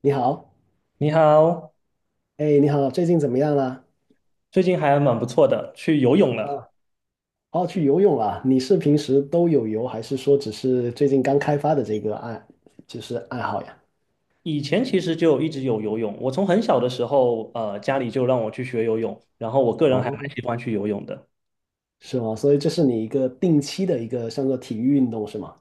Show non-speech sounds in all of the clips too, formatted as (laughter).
你好，你好，哎，你好，最近怎么样啦？最近还蛮不错的，去游泳了。啊，哦，去游泳啊？你是平时都有游，还是说只是最近刚开发的这个就是爱好呀？以前其实就一直有游泳，我从很小的时候，家里就让我去学游泳，然后我个人还蛮哦，喜欢去游泳的。是吗？所以这是你一个定期的一个像做体育运动是吗？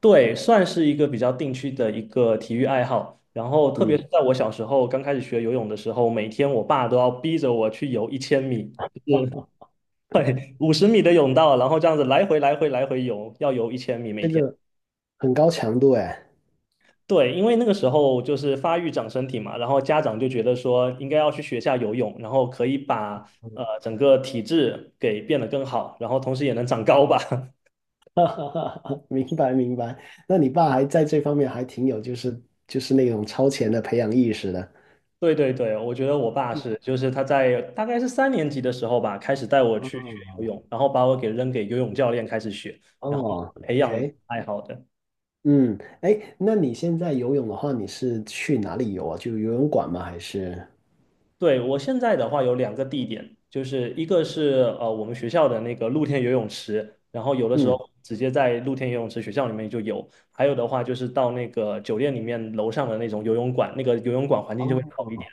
对，算是一个比较定期的一个体育爱好。然后特别嗯，是在我小时候刚开始学游泳的时候，每天我爸都要逼着我去游一千米，哦哦，(laughs) 对，50米的泳道，然后这样子来回来回来回游，要游一千米每这天。个很高强度哎。对，因为那个时候就是发育长身体嘛，然后家长就觉得说应该要去学下游泳，然后可以把嗯 整个体质给变得更好，然后同时也能长高吧。(laughs) (laughs) 明白明白。那你爸还在这方面还挺有，就是那种超前的培养意识的。对对对，我觉得我爸是，就是他在大概是3年级的时候吧，开始带我去学哦游泳，然后把我给扔给游泳教练开始学，然后哦培养，OK，爱好的。嗯，哎，那你现在游泳的话，你是去哪里游啊？就游泳馆吗？还是？对，我现在的话有两个地点，就是一个是我们学校的那个露天游泳池，然后有的时候嗯，直接在露天游泳池学校里面就有，还有的话就是到那个酒店里面楼上的那种游泳馆，那个游泳馆环境就会哦，好一点。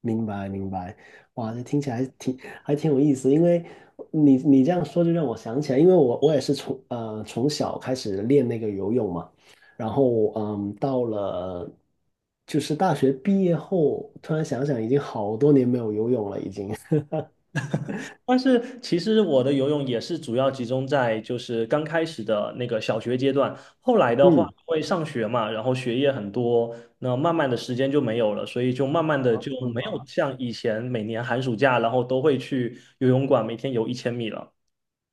明白明白。哇，这听起来还挺有意思，因为你这样说就让我想起来，因为我也是从从小开始练那个游泳嘛，然后到了就是大学毕业后，突然想想已经好多年没有游泳了，已经。(laughs) 但是其实我的游泳也是主要集中在就是刚开始的那个小学阶段，后来的话嗯因为上学嘛，然后学业很多，那慢慢的时间就没有了，所以就慢慢的就没有像以前每年寒暑假，然后都会去游泳馆每天游一千米了。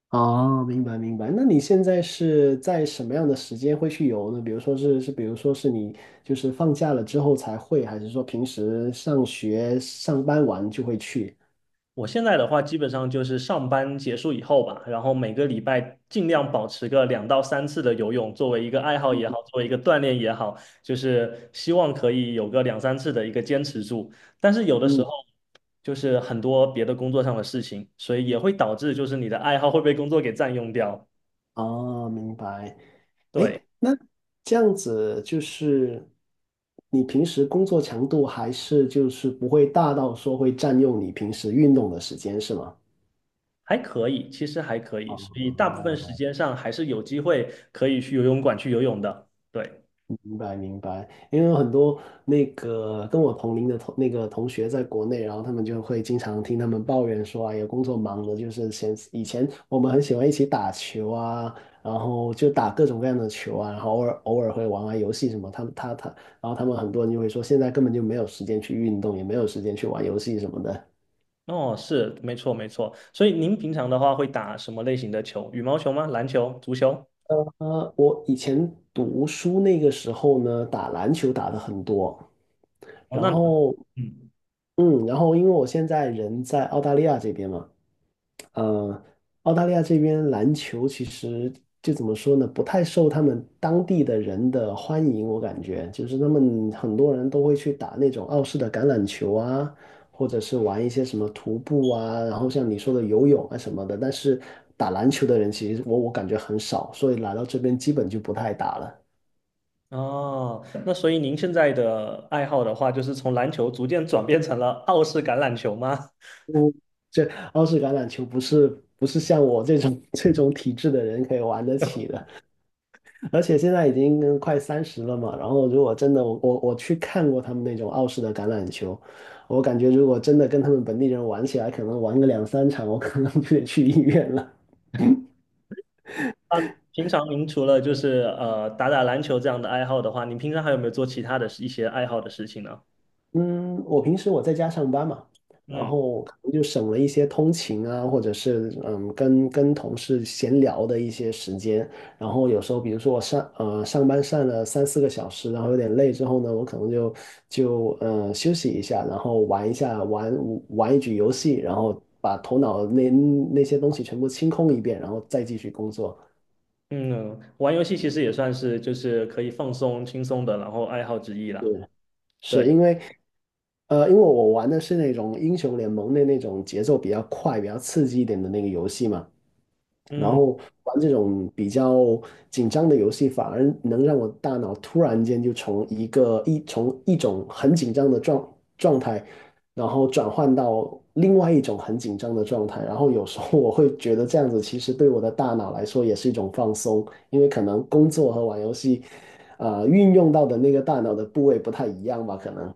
哦，明白明白。那你现在是在什么样的时间会去游呢？比如说是，比如说是你就是放假了之后才会，还是说平时上学上班完就会去？我现在的话，基本上就是上班结束以后吧，然后每个礼拜尽量保持个两到三次的游泳，作为一个爱好也好，作为一个锻炼也好，就是希望可以有个两三次的一个坚持住。但是有的时嗯，候就是很多别的工作上的事情，所以也会导致就是你的爱好会被工作给占用掉。哦，明白。对，哎，那这样子就是你平时工作强度还是就是不会大到说会占用你平时运动的时间，是吗？还可以，其实还可以，所以大部分时哦，间上还是有机会可以去游泳馆去游泳的。对。明白明白，因为有很多那个跟我同龄的同那个同学在国内，然后他们就会经常听他们抱怨说啊，有工作忙的，就是以前我们很喜欢一起打球啊，然后就打各种各样的球啊，然后偶尔会玩玩游戏什么，他们，然后他们很多人就会说，现在根本就没有时间去运动，也没有时间去玩游戏什么的。哦，是，没错没错。所以您平常的话会打什么类型的球？羽毛球吗？篮球、足球？我以前读书那个时候呢，打篮球打的很多，哦，然那你后嗯，嗯，然后因为我现在人在澳大利亚这边嘛。呃，澳大利亚这边篮球其实就怎么说呢，不太受他们当地的人的欢迎，我感觉就是他们很多人都会去打那种澳式的橄榄球啊，或者是玩一些什么徒步啊，然后像你说的游泳啊什么的，但是打篮球的人其实我感觉很少，所以来到这边基本就不太打了。哦，那所以您现在的爱好的话，就是从篮球逐渐转变成了澳式橄榄球吗？嗯，这澳式橄榄球不是像我这种 (laughs) 这种体质的人可以玩得起的。而且现在已经快三十了嘛，然后如果真的我去看过他们那种澳式的橄榄球，我感觉如果真的跟他们本地人玩起来，可能玩个两三场，我可能就得去医院了。(laughs) 平常您除了就是打打篮球这样的爱好的话，您平常还有没有做其他的一些爱好的事情呢？嗯，我平时我在家上班嘛，然嗯后可能就省了一些通勤啊，或者是跟同事闲聊的一些时间。然后有时候，比如说我上班上了三四个小时，然后有点累之后呢，我可能就休息一下，然后玩一局游戏，然后把头脑那些东西全部清空一遍，然后再继续工作。嗯，玩游戏其实也算是就是可以放松轻松的，然后爱好之一啦。对，是因为我玩的是那种英雄联盟的那种节奏比较快、比较刺激一点的那个游戏嘛，然嗯。后玩这种比较紧张的游戏，反而能让我大脑突然间就从一种很紧张的状态，然后转换到另外一种很紧张的状态，然后有时候我会觉得这样子其实对我的大脑来说也是一种放松，因为可能工作和玩游戏运用到的那个大脑的部位不太一样吧？可能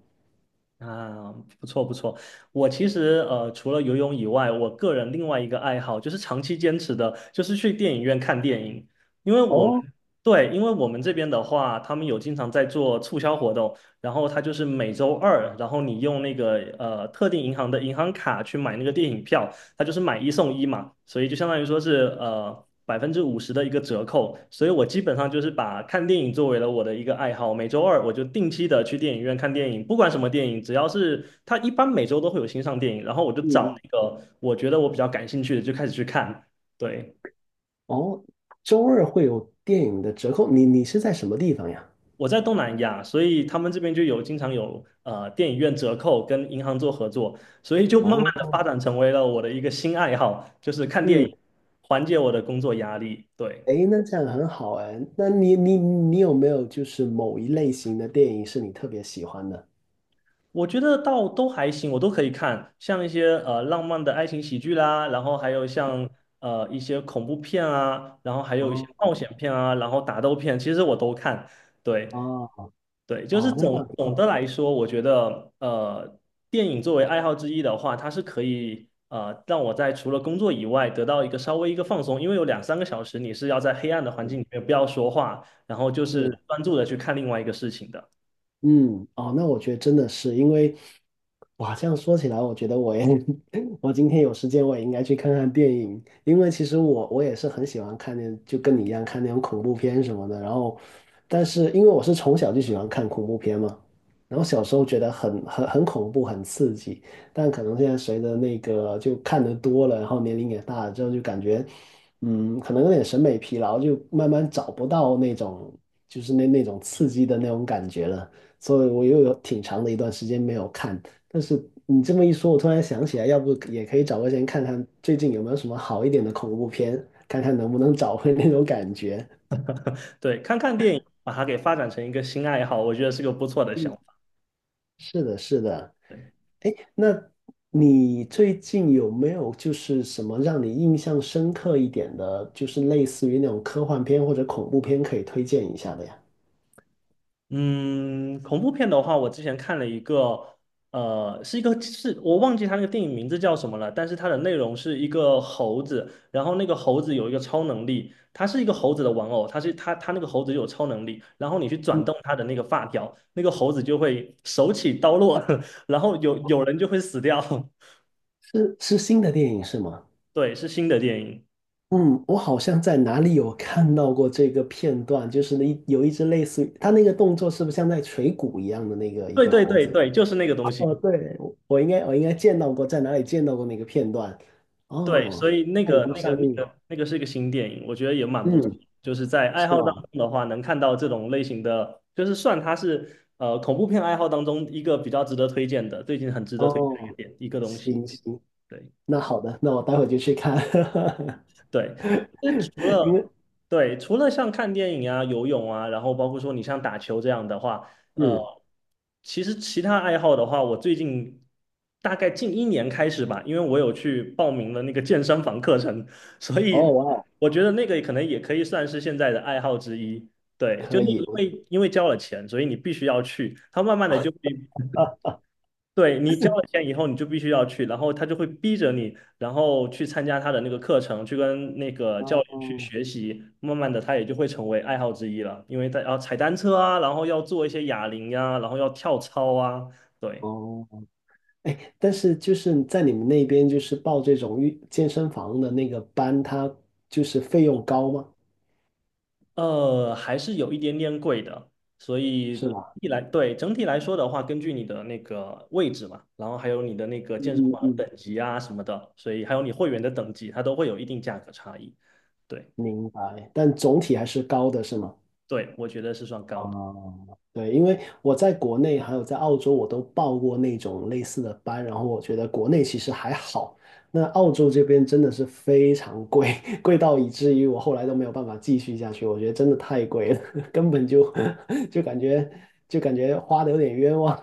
啊，不错不错。我其实除了游泳以外，我个人另外一个爱好就是长期坚持的，就是去电影院看电影。因为我们哦，对，因为我们这边的话，他们有经常在做促销活动，然后他就是每周二，然后你用那个特定银行的银行卡去买那个电影票，它就是买一送一嘛，所以就相当于说是50%的一个折扣，所以我基本上就是把看电影作为了我的一个爱好，每周二我就定期的去电影院看电影，不管什么电影，只要是它一般每周都会有新上电影，然后我就嗯找嗯，那个我觉得我比较感兴趣的就开始去看。对，哦，周二会有电影的折扣，你是在什么地方呀？我在东南亚，所以他们这边就有经常有电影院折扣跟银行做合作，所以就慢慢的发哦，展成为了我的一个新爱好，就是看电嗯，影，缓解我的工作压力。对。诶，那这样很好哎。那你有没有就是某一类型的电影是你特别喜欢的？我觉得倒都还行，我都可以看，像一些浪漫的爱情喜剧啦，然后还有像一些恐怖片啊，然后还有一些哦冒险片啊，然后打斗片，其实我都看。对哦对，就是哦，那这总样挺总的好。来说，我觉得电影作为爱好之一的话，它是可以让我在除了工作以外得到一个稍微一个放松，因为有两三个小时你是要在黑暗的环境嗯，里面不要说话，然后就是是。专注的去看另外一个事情的。嗯，哦，那我觉得真的是因为，哇，这样说起来，我觉得我也，(laughs) 我今天有时间，我也应该去看看电影，因为其实我也是很喜欢看就跟你一样看那种恐怖片什么的。然后，但是因为我是从小就喜欢看恐怖片嘛，然后小时候觉得很恐怖，很刺激，但可能现在随着那个就看得多了，然后年龄也大了之后，就感觉，嗯，可能有点审美疲劳，就慢慢找不到那种就是那种刺激的那种感觉了。所以我又有挺长的一段时间没有看。但是你这么一说，我突然想起来，要不也可以找个时间看看最近有没有什么好一点的恐怖片，看看能不能找回那种感觉。对，看看电影，把它给发展成一个新爱好，我觉得是个不错的想嗯，法。是的，是的。那你最近有没有就是什么让你印象深刻一点的，就是类似于那种科幻片或者恐怖片可以推荐一下的呀？嗯，恐怖片的话，我之前看了一个，是一个是我忘记它那个电影名字叫什么了，但是它的内容是一个猴子，然后那个猴子有一个超能力，它是一个猴子的玩偶，它是它那个猴子有超能力，然后你去转动它的那个发条，那个猴子就会手起刀落，(laughs) 然后有人就会死掉。是新的电影是吗？(laughs) 对，是新的电影。嗯，我好像在哪里有看到过这个片段，就是有一只类似于它那个动作，是不是像在锤鼓一样的那个一对个对猴对子？对，就是那个东哦，西。对，我应该见到过，在哪里见到过那个片段？对，所哦，以那它已个、经那上个、那映了个、那个是一个新电影，我觉得也蛮不错。嗯，就是在爱是好当吗？中的话，能看到这种类型的，就是算它是恐怖片爱好当中一个比较值得推荐的，最近很值得推荐的一个哦，点一个东西。行行，对，那好的，那我待会就去看，(laughs) 对，其实除因为了对，除了像看电影啊、游泳啊，然后包括说你像打球这样的话，呃，嗯，其实其他爱好的话，我最近大概近一年开始吧，因为我有去报名了那个健身房课程，所哦以哇哦，我觉得那个可能也可以算是现在的爱好之一。对，就可是以，因我为因为交了钱，所以你必须要去，它慢慢的就会啊，对你交了钱以后，你就必须要去，然后他就会逼着你，然后去参加他的那个课程，去跟那个教练哦去学习。慢慢的，他也就会成为爱好之一了，因为他要踩单车啊，然后要做一些哑铃呀、然后要跳操啊，对，哦。哎，但是就是在你们那边，就是报这种健身房的那个班，它就是费用高吗？还是有一点点贵的。所是以吧？一来，对，整体来说的话，根据你的那个位置嘛，然后还有你的那个嗯健身嗯房的嗯，等级啊什么的，所以还有你会员的等级，它都会有一定价格差异。对，明白。但总体还是高的，是吗？对，我觉得是算啊，高的。对，因为我在国内还有在澳洲，我都报过那种类似的班，然后我觉得国内其实还好，那澳洲这边真的是非常贵，(laughs) 贵到以至于我后来都没有办法继续下去，我觉得真的太贵了，(laughs) 根本就 (laughs) 就感觉就感觉花的有点冤枉，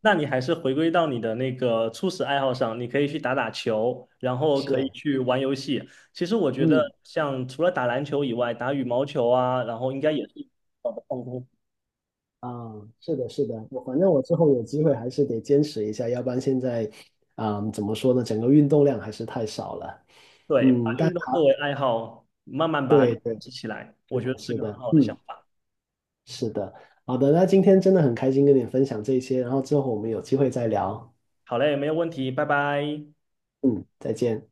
那你还是回归到你的那个初始爱好上，你可以去打打球，然后可以是。去玩游戏。其实我觉得，嗯，像除了打篮球以外，打羽毛球啊，然后应该也是好的放松。啊，是的，是的，我反正我之后有机会还是得坚持一下，要不然现在，啊，怎么说呢，整个运动量还是太少了。对，嗯，把但运动作好，为爱好，慢慢把它对对，积起来，我是觉得的，是是个很的，好的想嗯，法。是的，好的，那今天真的很开心跟你分享这些，然后之后我们有机会再聊。好嘞，没有问题，拜拜。嗯，再见。